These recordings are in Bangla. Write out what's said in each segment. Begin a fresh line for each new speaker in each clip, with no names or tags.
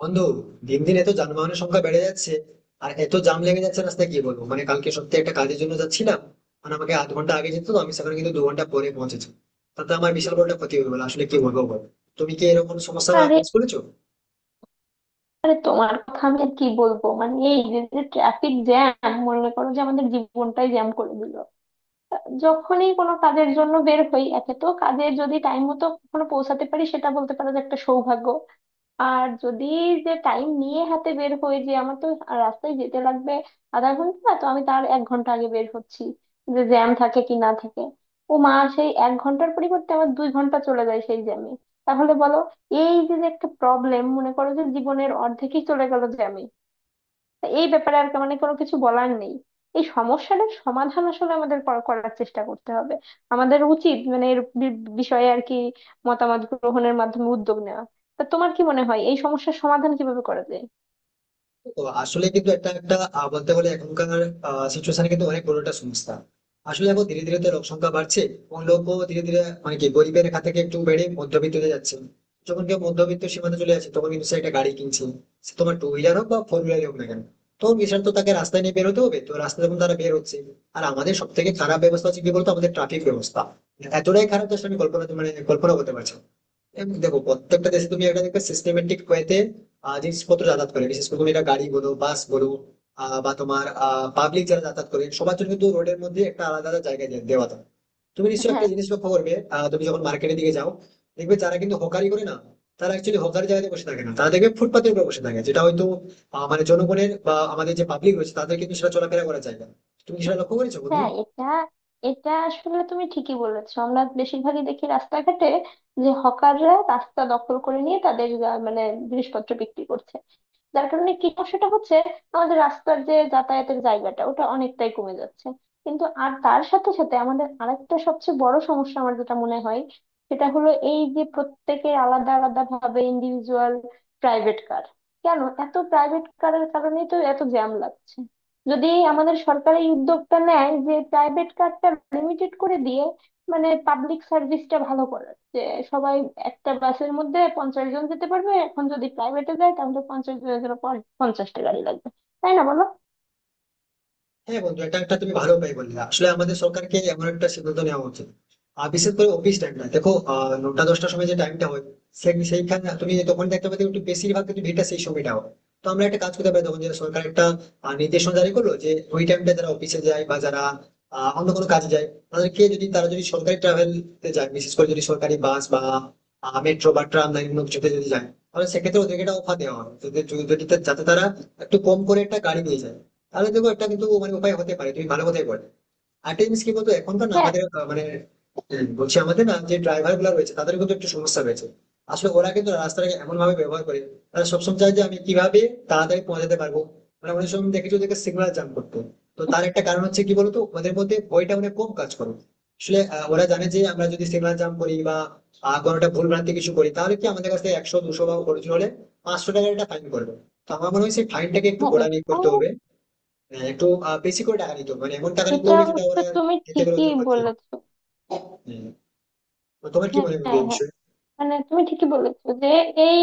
বন্ধু, দিন দিন এত যানবাহনের সংখ্যা বেড়ে যাচ্ছে, আর এত জাম লেগে যাচ্ছে রাস্তায়, কি বলবো। মানে কালকে সত্যি একটা কাজের জন্য যাচ্ছিলাম, মানে আমাকে আধ ঘন্টা আগে যেত তো আমি সেখানে, কিন্তু 2 ঘন্টা পরে পৌঁছেছি। তাতে আমার বিশাল বড় একটা ক্ষতি হয়ে গেলো আসলে, কি বলবো বল। তুমি কি এরকম সমস্যা
আরে,
ফেস করেছো?
আরে, তোমার কথা আমি আর কি বলবো। মানে এই যে ট্রাফিক জ্যাম, মনে করো যে আমাদের জীবনটাই জ্যাম করে দিল। যখনই কোনো কাজের জন্য বের হই, একে তো কাজে যদি টাইম মতো কখনো পৌঁছাতে পারি সেটা বলতে পারো যে একটা সৌভাগ্য। আর যদি যে টাইম নিয়ে হাতে বের হই, যে আমার তো রাস্তায় যেতে লাগবে আধা ঘন্টা, তো আমি তার 1 ঘন্টা আগে বের হচ্ছি যে জ্যাম থাকে কি না থাকে। ও মা, সেই 1 ঘন্টার পরিবর্তে আমার 2 ঘন্টা চলে যায় সেই জ্যামে। তাহলে বলো, এই যে যে একটা প্রবলেম, মনে করো যে জীবনের অর্ধেকই চলে গেল জ্যামে। তা এই ব্যাপারে আর মানে কোনো কিছু বলার নেই। এই সমস্যাটার সমাধান আসলে আমাদের করার চেষ্টা করতে হবে। আমাদের উচিত মানে এর বিষয়ে আর কি মতামত গ্রহণের মাধ্যমে উদ্যোগ নেওয়া। তা তোমার কি মনে হয় এই সমস্যার সমাধান কিভাবে করা যায়?
তো আসলে কিন্তু একটা একটা বলতে গেলে এখনকার সিচুয়েশনে কিন্তু অনেক বড় একটা সমস্যা। আসলে এখন ধীরে ধীরে তো লোক সংখ্যা বাড়ছে, এবং লোকও ধীরে ধীরে মানে কি গরিবের রেখা থেকে একটু বেড়ে মধ্যবিত্ততে যাচ্ছে। যখন কেউ মধ্যবিত্ত সীমাতে চলে যাচ্ছে তখন কিন্তু সে একটা গাড়ি কিনছে, সে তোমার টু হুইলার হোক বা ফোর হুইলার হোক না কেন। তো বিশাল, তো তাকে রাস্তায় নিয়ে বেরোতে হবে, তো রাস্তায় যখন তারা বের হচ্ছে আর আমাদের সব থেকে খারাপ ব্যবস্থা হচ্ছে কি বলতো, আমাদের ট্রাফিক ব্যবস্থা এতটাই খারাপ যে আসলে আমি কল্পনা মানে কল্পনা করতে পারছি না। এবং দেখো প্রত্যেকটা দেশে তুমি একটা দেখবে সিস্টেমেটিক ওয়েতে জিনিসপত্র যাতায়াত করে, বিশেষ করে তুমি এটা গাড়ি বলো, বাস বলো, বা তোমার পাবলিক যারা যাতায়াত করে, সবার জন্য কিন্তু রোডের মধ্যে একটা আলাদা আলাদা জায়গা দেওয়া থাকে। তুমি নিশ্চয়ই একটা
হ্যাঁ,
জিনিস লক্ষ্য করবে, তুমি যখন মার্কেটের দিকে যাও, দেখবে যারা কিন্তু হকারি করে না, তারা অ্যাকচুয়ালি হকারি জায়গাতে বসে থাকে না, তারা দেখবে ফুটপাতের উপর বসে থাকে, যেটা হয়তো মানে জনগণের বা আমাদের যে পাবলিক রয়েছে তাদের কিন্তু সেটা চলাফেরা করা যায় না। তুমি কি সেটা লক্ষ্য করেছো বন্ধু?
হ্যাঁ, এটা এটা আসলে তুমি ঠিকই বলেছো। আমরা বেশিরভাগই দেখি রাস্তাঘাটে যে হকাররা রাস্তা দখল করে নিয়ে তাদের মানে জিনিসপত্র বিক্রি করছে। যার কারণে কি সমস্যাটা হচ্ছে, আমাদের রাস্তার যে যাতায়াতের জায়গাটা ওটা অনেকটাই কমে যাচ্ছে। কিন্তু আর তার সাথে সাথে আমাদের আরেকটা সবচেয়ে বড় সমস্যা আমার যেটা মনে হয় সেটা হলো এই যে প্রত্যেকে আলাদা আলাদা ভাবে ইন্ডিভিজুয়াল প্রাইভেট কার। কেন এত প্রাইভেট কারের কারণেই তো এত জ্যাম লাগছে। যদি আমাদের সরকার এই উদ্যোগটা নেয় যে প্রাইভেট কারটা লিমিটেড করে দিয়ে মানে পাবলিক সার্ভিসটা ভালো করা, যে সবাই একটা বাসের মধ্যে 50 জন যেতে পারবে, এখন যদি প্রাইভেটে যায় তাহলে 50 জনের জন্য 50টা গাড়ি লাগবে। তাই না বলো?
হ্যাঁ বন্ধু, এটা একটা তুমি ভালো উপায় বললে। আসলে আমাদের সরকারকে এমন একটা সিদ্ধান্ত নেওয়া উচিত। আর বিশেষ করে অফিস টাইমটা দেখো, নটা দশটার সময় যে টাইমটা হয়, সেইখানে তুমি তখন দেখতে পাবে একটু বেশিরভাগ কিন্তু ভিড়টা সেই সময়টা হয়। তো আমরা একটা কাজ করতে পারি, তখন যে সরকার একটা নির্দেশনা জারি করলো, যে ওই টাইমটা যারা অফিসে যায় বা যারা অন্য কোনো কাজে যায়, তাদেরকে যদি তারা যদি সরকারি ট্রাভেল যায়, বিশেষ করে যদি সরকারি বাস বা মেট্রো বা ট্রাম লাইন কোনো কিছুতে যদি যায়, তাহলে সেক্ষেত্রে ওদেরকে একটা অফার দেওয়া হয় যদি যদি- যদি- যাতে তারা একটু কম করে একটা গাড়ি নিয়ে যায়। তাহলে দেখো একটা কিন্তু মানে উপায় হতে পারে, তুমি ভালো কথাই বল। আরেকটা জিনিস কি বলতো, এখনকার না
হ্যাঁ,
আমাদের মানে বলছি আমাদের না যে ড্রাইভার গুলো রয়েছে তাদের কিন্তু একটু সমস্যা রয়েছে। আসলে ওরা কিন্তু রাস্তাটাকে এমন ভাবে ব্যবহার করে, তারা সবসময় চায় যে আমি কিভাবে তাড়াতাড়ি পৌঁছাতে পারবো। মানে অনেক সময় দেখেছো ওদেরকে সিগন্যাল জাম করতো, তো তার একটা কারণ হচ্ছে কি বলতো ওদের মধ্যে ওইটা অনেক কম কাজ করো। আসলে ওরা জানে যে আমরা যদি সিগন্যাল জাম করি বা কোনোটা ভুল ভ্রান্তি কিছু করি, তাহলে কি আমাদের কাছে 100 200 বা অর্জন হলে 500 টাকার একটা ফাইন করবে। তো আমার মনে হয় সেই ফাইনটাকে একটু
হ্যাঁ,
গোড়া নিয়ে
এটা
করতে হবে। হ্যাঁ, একটু বেশি করে টাকা নিতে হবে, মানে এমন টাকা নিতে
এটা
হবে যেটা
অবশ্য
ওরা
তুমি
নিতে গেলে
ঠিকই
ওদের ক্ষতি হবে।
বলেছো।
হ্যাঁ। তো তোমার কি
হ্যাঁ,
মনে হয় বন্ধু
হ্যাঁ,
এই
হ্যাঁ।
বিষয়ে?
মানে তুমি ঠিকই বলেছো যে এই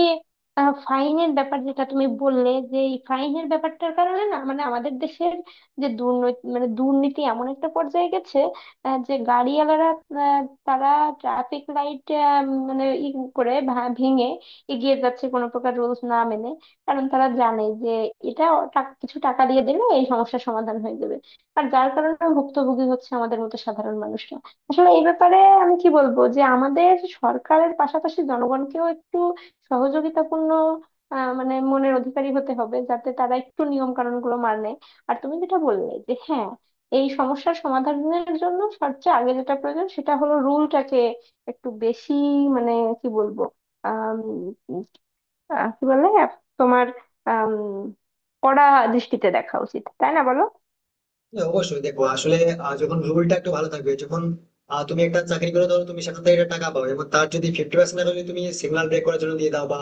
ফাইনের ব্যাপার যেটা তুমি বললে, যে এই ফাইনের ব্যাপারটার কারণে না মানে আমাদের দেশের যে দুর্নীতি মানে দুর্নীতি এমন একটা পর্যায়ে গেছে, যে গাড়িওয়ালারা আহ, তারা ট্রাফিক লাইট মানে ই করে ভেঙে এগিয়ে যাচ্ছে কোনো প্রকার রুলস না মেনে। কারণ তারা জানে যে এটা কিছু টাকা দিয়ে দিলে এই সমস্যার সমাধান হয়ে যাবে। আর যার কারণে ভুক্তভোগী হচ্ছে আমাদের মতো সাধারণ মানুষ। আসলে এই ব্যাপারে আমি কি বলবো, যে আমাদের সরকারের পাশাপাশি জনগণকেও একটু সহযোগিতাপূর্ণ মানে মনের অধিকারী হতে হবে, যাতে তারা একটু নিয়ম কানুন গুলো মানে। আর তুমি যেটা বললে যে হ্যাঁ, এই সমস্যার সমাধানের জন্য সবচেয়ে আগে যেটা প্রয়োজন সেটা হলো রুলটাকে একটু বেশি মানে কি বলবো, আম, কি বলে তোমার আম, কড়া দৃষ্টিতে দেখা উচিত। তাই না বলো?
হ্যাঁ, অবশ্যই দেখো আসলে যখন রুলটা একটু ভালো থাকবে, যখন তুমি একটা চাকরি করে ধরো তুমি সেখান থেকে একটা টাকা পাও, এবং তার যদি 50% টাকা যদি তুমি সিগন্যাল ব্রেক করার জন্য দিয়ে দাও বা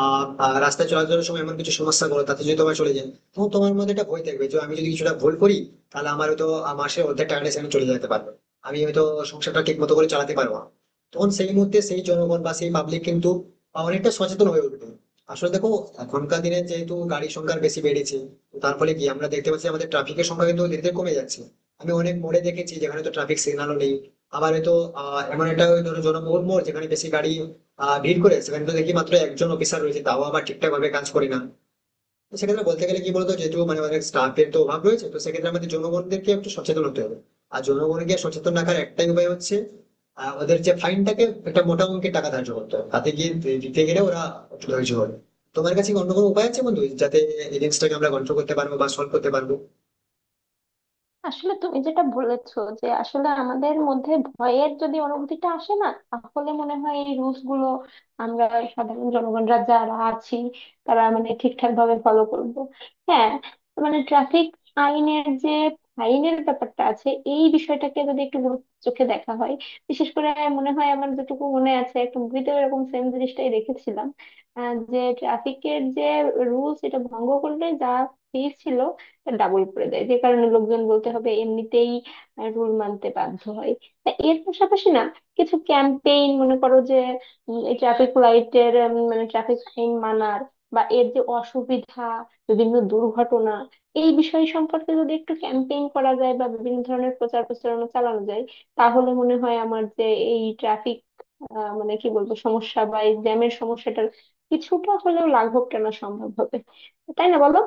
আহ, আহ, রাস্তায় চলাচলের সময় এমন কিছু সমস্যা করো তাতে যদি তোমার চলে যায়, তখন তোমার মধ্যে একটা ভয় থাকবে যে আমি যদি কিছুটা ভুল করি তাহলে আমার হয়তো মাসের অর্ধেক টাকাটা সেখানে চলে যেতে পারবে। আমি হয়তো সংসারটা ঠিক মতো করে চালাতে পারবো না। তখন সেই মুহূর্তে সেই জনগণ বা সেই পাবলিক কিন্তু অনেকটা সচেতন হয়ে উঠবে। আসলে দেখো এখনকার দিনে যেহেতু গাড়ির সংখ্যা বেশি বেড়েছে, তো তার ফলে কি আমরা দেখতে পাচ্ছি আমাদের ট্রাফিকের সংখ্যা কিন্তু ধীরে ধীরে কমে যাচ্ছে। আমি অনেক মোড়ে দেখেছি যেখানে তো ট্রাফিক সিগন্যালও নেই, আবার হয়তো এমন একটা ধরো জনবহুল মোড় যেখানে বেশি গাড়ি ভিড় করে সেখানে তো দেখি মাত্র একজন অফিসার রয়েছে, তাও আবার ঠিকঠাক ভাবে কাজ করে না। তো সেক্ষেত্রে বলতে গেলে কি বলতো, যেহেতু মানে অনেক স্টাফের তো অভাব রয়েছে, তো সেক্ষেত্রে আমাদের জনগণদেরকে একটু সচেতন হতে হবে। আর জনগণকে সচেতন রাখার একটাই উপায় হচ্ছে ওদের যে ফাইনটাকে একটা মোটা অঙ্কের টাকা ধার্য করতে হবে, তাতে গিয়ে দিতে গেলে ওরা একটু ধৈর্য হবে। তোমার কাছে কি অন্য কোনো উপায় আছে বন্ধু যাতে এই জিনিসটাকে আমরা কন্ট্রোল করতে পারবো বা সলভ করতে পারবো?
আসলে তুমি যেটা বলেছো যে আসলে আমাদের মধ্যে ভয়ের যদি অনুভূতিটা আসে না, তাহলে মনে হয় এই রুলস গুলো আমরা সাধারণ জনগণরা যারা আছি তারা মানে ঠিকঠাক ভাবে ফলো করব। হ্যাঁ, মানে ট্রাফিক আইনের যে ফাইনের ব্যাপারটা আছে, এই বিষয়টাকে যদি একটু গুরুত্ব চোখে দেখা হয়, বিশেষ করে মনে হয় আমার যেটুকু মনে আছে, একটা মুভিতে এরকম সেম জিনিসটাই দেখেছিলাম, যে ট্রাফিকের যে রুলস এটা ভঙ্গ করলে যা ফি ছিল ডাবল করে দেয়, যে কারণে লোকজন বলতে হবে এমনিতেই রুল মানতে বাধ্য হয়। তা এর পাশাপাশি না কিছু ক্যাম্পেইন, মনে করো যে ট্রাফিক লাইটের মানে ট্রাফিক আইন মানার বা এর যে অসুবিধা, বিভিন্ন দুর্ঘটনা, এই বিষয় সম্পর্কে যদি একটু ক্যাম্পেইন করা যায় বা বিভিন্ন ধরনের প্রচার প্রচারণা চালানো যায়, তাহলে মনে হয় আমার যে এই ট্রাফিক মানে কি বলবো সমস্যা বা এই জ্যামের সমস্যাটার কিছুটা হলেও লাঘব টানা সম্ভব হবে। তাই না বলো?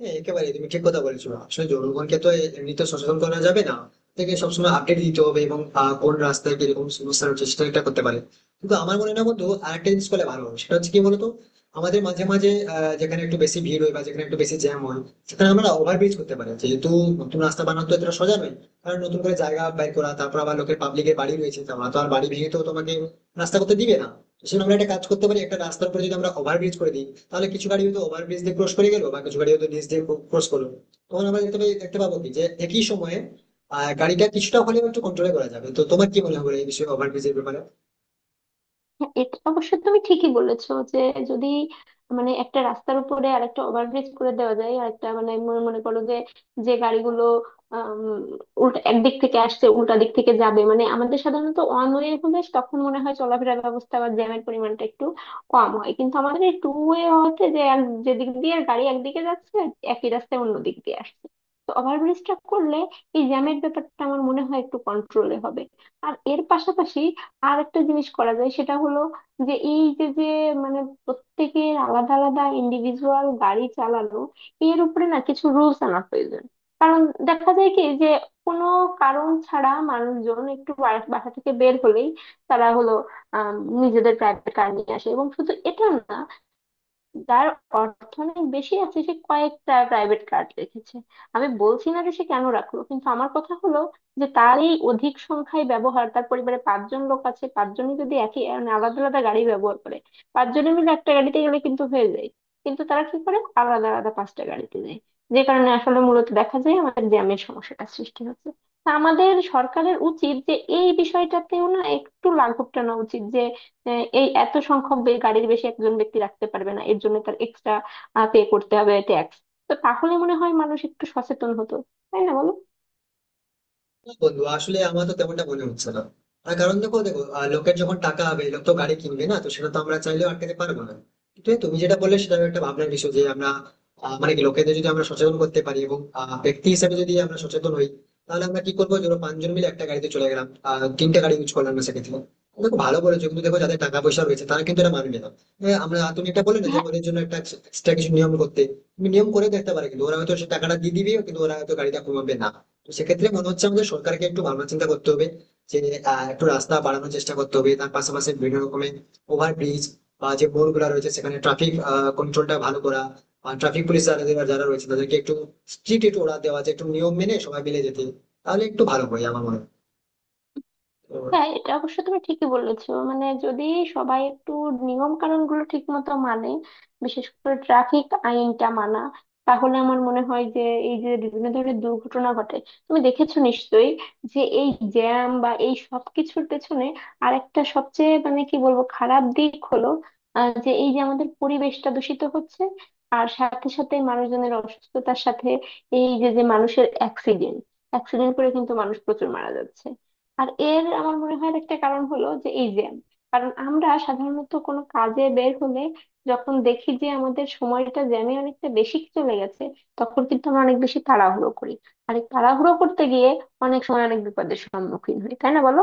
হ্যাঁ একেবারেই তুমি ঠিক কথা বলেছো। আসলে জনগণকে তো এমনিতে সচেতন করা যাবে না, তাকে সবসময় আপডেট দিতে হবে, এবং কোন রাস্তায় কিরকম সমস্যা হচ্ছে সেটা একটা করতে পারে। কিন্তু আমার মনে হয় না বন্ধু, আরেকটা জিনিস করলে ভালো হয় সেটা হচ্ছে কি বলতো, আমাদের মাঝে মাঝে যেখানে একটু বেশি ভিড় হয় বা যেখানে একটু বেশি জ্যাম হয় সেখানে আমরা ওভারব্রিজ করতে পারি। যেহেতু নতুন রাস্তা বানানো তো এটা সোজা নয়, কারণ নতুন করে জায়গা বের করা, তারপর আবার লোকের পাবলিকের বাড়ি রয়েছে, তোমরা তো আর বাড়ি ভেঙে তো তোমাকে রাস্তা করতে দিবে না। সেজন্য আমরা একটা কাজ করতে পারি, একটা রাস্তার উপরে যদি আমরা ওভারব্রিজ করে দিই তাহলে কিছু গাড়ি হয়তো ওভারব্রিজ দিয়ে ক্রস করে গেলো, বা কিছু গাড়ি হয়তো নিচ দিয়ে ক্রস করলো। তখন আমরা দেখতে পাবো কি যে একই সময়ে আহ গাড়িটা কিছুটা হলেও একটু কন্ট্রোলে করা যাবে। তো তোমার কি মনে হবে এই বিষয়ে, ওভারব্রিজের ব্যাপারে?
হ্যাঁ, এটা অবশ্য তুমি ঠিকই বলেছো যে যদি মানে একটা রাস্তার উপরে আরেকটা ওভারব্রিজ করে দেওয়া যায়, আরেকটা মানে মনে মনে করো যে যে গাড়িগুলো আম, উল্টা একদিক থেকে আসছে, উল্টা দিক থেকে যাবে মানে আমাদের সাধারণত ওয়ান ওয়ে হলে তখন মনে হয় চলাফেরার ব্যবস্থা বা জ্যামের পরিমাণটা একটু কম হয়, কিন্তু আমাদের এই টু ওয়ে হওয়াতে যে আর যেদিক দিয়ে গাড়ি একদিকে যাচ্ছে একই রাস্তায় অন্য দিক দিয়ে আসছে। তো ওভারব্রিজটা করলে এই জ্যামের ব্যাপারটা আমার মনে হয় একটু কন্ট্রোলে হবে। আর এর পাশাপাশি আর একটা জিনিস করা যায় সেটা হলো যে এই যে যে মানে প্রত্যেকের আলাদা আলাদা ইন্ডিভিজুয়াল গাড়ি চালানো, এর উপরে না কিছু রুলস আনা প্রয়োজন। কারণ দেখা যায় কি যে কোনো কারণ ছাড়া মানুষজন একটু বাসা থেকে বের হলেই তারা হলো আহ নিজেদের প্রাইভেট কার নিয়ে আসে, এবং শুধু এটা না, যার অর্থনৈতিক বেশি আছে সে কয়েকটা প্রাইভেট কার রেখেছে। আমি বলছি না যে সে কেন রাখলো, কিন্তু আমার কথা হলো যে তার এই অধিক সংখ্যায় ব্যবহার, তার পরিবারে পাঁচজন লোক আছে, পাঁচজনই যদি একই মানে আলাদা আলাদা গাড়ি ব্যবহার করে, পাঁচজনে মিলে একটা গাড়িতে গেলে কিন্তু হয়ে যায়, কিন্তু তারা কি করে আলাদা আলাদা পাঁচটা গাড়িতে যায়। যে কারণে আসলে মূলত দেখা যায় আমাদের জ্যামের সমস্যাটা সৃষ্টি হচ্ছে। তা আমাদের সরকারের উচিত যে এই বিষয়টাতেও না একটু লাঘব টানা উচিত যে এই এত সংখ্যক গাড়ির বেশি একজন ব্যক্তি রাখতে পারবে না, এর জন্য তার এক্সট্রা পে করতে হবে ট্যাক্স। তো তাহলে মনে হয় মানুষ একটু সচেতন হতো। তাই না বলো?
না বন্ধু, আসলে আমার তো তেমনটা মনে হচ্ছে না। তার কারণ দেখো দেখো লোকের যখন টাকা হবে লোক তো গাড়ি কিনবে না, তো সেটা তো আমরা চাইলেও আটকাতে পারবো না। কিন্তু এই তুমি যেটা বললে সেটা একটা ভাবনার বিষয়, যে আমরা মানে কি লোকেদের যদি আমরা সচেতন করতে পারি, এবং ব্যক্তি হিসেবে যদি আমরা সচেতন হই, তাহলে আমরা কি করবো ধরো পাঁচজন মিলে একটা গাড়িতে চলে গেলাম, তিনটা গাড়ি ইউজ করলাম না সেক্ষেত্রে। দেখো ভালো বলেছো, কিন্তু দেখো যাদের টাকা পয়সা রয়েছে তারা কিন্তু এটা মানবে না। হ্যাঁ, আমরা তুমি এটা বলে না যে ওদের জন্য একটা এক্সট্রা কিছু নিয়ম করতে। তুমি নিয়ম করে দেখতে পারে কিন্তু ওরা হয়তো সে টাকাটা দিয়ে দিবে, কিন্তু ওরা হয়তো গাড়িটা কমাবে না। তো সেক্ষেত্রে মনে হচ্ছে আমাদের সরকারকে একটু ভাবনা চিন্তা করতে হবে যে একটু রাস্তা বাড়ানোর চেষ্টা করতে হবে, তার পাশাপাশি বিভিন্ন রকমের ওভারব্রিজ, বা যে মোড় গুলা রয়েছে সেখানে ট্রাফিক কন্ট্রোলটা ভালো করা, বা ট্রাফিক পুলিশ যারা যারা- যারা রয়েছে তাদেরকে একটু স্ট্রিক্ট একটু ওরা দেওয়া, যে একটু নিয়ম মেনে সবাই মিলে যেতে। তাহলে একটু ভালো হয় আমার মনে হয়। তো
হ্যাঁ, এটা অবশ্য তুমি ঠিকই বলেছো, মানে যদি সবাই একটু নিয়ম কানুন গুলো ঠিক মতো মানে, বিশেষ করে ট্রাফিক আইনটা মানা, তাহলে আমার মনে হয় যে এই যে বিভিন্ন ধরনের দুর্ঘটনা ঘটে, তুমি দেখেছো নিশ্চয়ই যে এই জ্যাম বা এই সব কিছুর পেছনে আরেকটা সবচেয়ে মানে কি বলবো খারাপ দিক হলো যে এই যে আমাদের পরিবেশটা দূষিত হচ্ছে, আর সাথে সাথে মানুষজনের অসুস্থতার সাথে এই যে যে মানুষের অ্যাক্সিডেন্ট অ্যাক্সিডেন্ট করে কিন্তু মানুষ প্রচুর মারা যাচ্ছে। আর এর আমার মনে হয় একটা কারণ হলো যে এই যে কারণ আমরা সাধারণত কোনো কাজে বের হলে যখন দেখি যে আমাদের সময়টা জ্যামে অনেকটা বেশি চলে গেছে, তখন কিন্তু আমরা অনেক বেশি তাড়াহুড়ো করি, আর এই তাড়াহুড়ো করতে গিয়ে অনেক সময় অনেক বিপদের সম্মুখীন হই। তাই না বলো?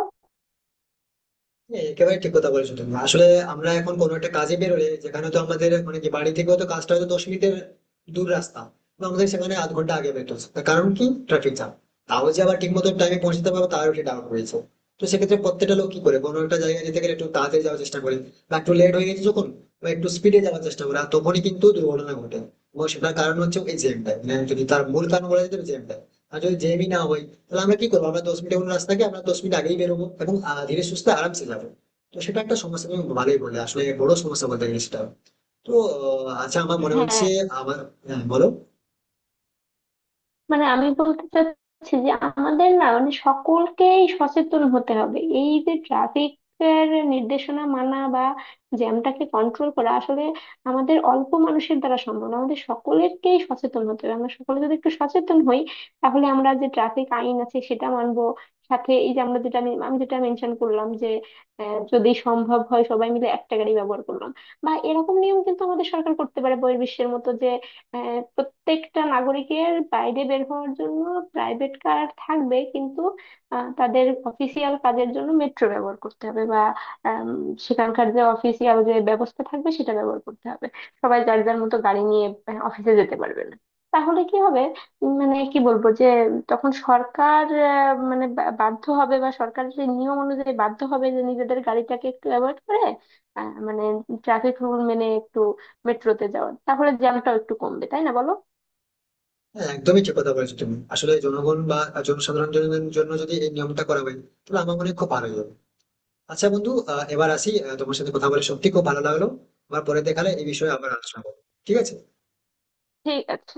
হ্যাঁ, একেবারে ঠিক কথা বলেছো তুমি। আসলে আমরা এখন কোনো একটা কাজে বেরোলে, যেখানে তো আমাদের মানে কি বাড়ি থেকে তো কাজটা হয়তো 10 মিনিটের দূর রাস্তা, তো আমাদের সেখানে আধ ঘন্টা আগে বেরোতে হচ্ছে, তার কারণ কি ট্রাফিক জ্যাম। তাও যে আবার ঠিক মতো টাইমে পৌঁছতে পারবো তারও একটা ডাউট রয়েছে। তো সেক্ষেত্রে প্রত্যেকটা লোক কি করে কোনো একটা জায়গায় যেতে গেলে একটু তাড়াতাড়ি যাওয়ার চেষ্টা করে, বা একটু লেট হয়ে গেছে যখন, বা একটু স্পিডে যাওয়ার চেষ্টা করে, আর তখনই কিন্তু দুর্ঘটনা ঘটে। এবং সেটার কারণ হচ্ছে এই জ্যামটা, মানে যদি তার মূল কারণ বলা যেতে জ্যামটা। আর যদি জ্যামই না হয় তাহলে আমরা কি করবো, আমরা 10 মিনিট এখন রাস্তাকে আমরা 10 মিনিট আগেই বেরোবো, এবং ধীরে সুস্থে আরামসে যাবো। তো সেটা একটা সমস্যা, তুমি ভালোই বললে, আসলে বড় সমস্যা বলতে গেলে সেটা। তো আচ্ছা আমার মনে হচ্ছে
হ্যাঁ,
আমার, হ্যাঁ, বলো।
মানে আমি বলতে চাচ্ছি যে আমাদের না মানে সকলকেই সচেতন হতে হবে এই যে ট্রাফিক, এর নির্দেশনা মানা বা জ্যামটাকে কন্ট্রোল করা আসলে আমাদের অল্প মানুষের দ্বারা সম্ভব না, আমাদের সকলেরকেই সচেতন হতে হবে। আমরা সকলে যদি একটু সচেতন হই, তাহলে আমরা যে ট্রাফিক আইন আছে সেটা মানবো। সাথে এই যে আমরা যেটা আমি আমি যেটা মেনশন করলাম যে যদি সম্ভব হয় সবাই মিলে একটা গাড়ি ব্যবহার করলাম, বা এরকম নিয়ম কিন্তু আমাদের সরকার করতে পারে বহির্বিশ্বের মতো যে প্রত্যেকটা নাগরিকের বাইরে বের হওয়ার জন্য প্রাইভেট কার থাকবে, কিন্তু তাদের অফিসিয়াল কাজের জন্য মেট্রো ব্যবহার করতে হবে বা আম, সেখানকার যে অফিসিয়াল যে ব্যবস্থা থাকবে সেটা ব্যবহার করতে হবে, সবাই যার যার মতো গাড়ি নিয়ে অফিসে যেতে পারবে না। তাহলে কি হবে? মানে কি বলবো যে তখন সরকার মানে বাধ্য হবে বা সরকারের সেই নিয়ম অনুযায়ী বাধ্য হবে যে নিজেদের গাড়িটাকে একটু অ্যাভয়েড করে মানে ট্রাফিক রুল মেনে একটু মেট্রোতে যাওয়ার, তাহলে জ্যামটাও একটু কমবে। তাই না বলো?
হ্যাঁ একদমই ঠিক কথা বলেছো তুমি। আসলে জনগণ বা জনসাধারণ জনের জন্য যদি এই নিয়মটা করা হয় তাহলে আমার মনে হয় খুব ভালো হবে। আচ্ছা বন্ধু, এবার আসি, তোমার সাথে কথা বলে সত্যি খুব ভালো লাগলো। আবার পরে দেখালে এই বিষয়ে আবার আলোচনা করবো। ঠিক আছে?
ঠিক আছে।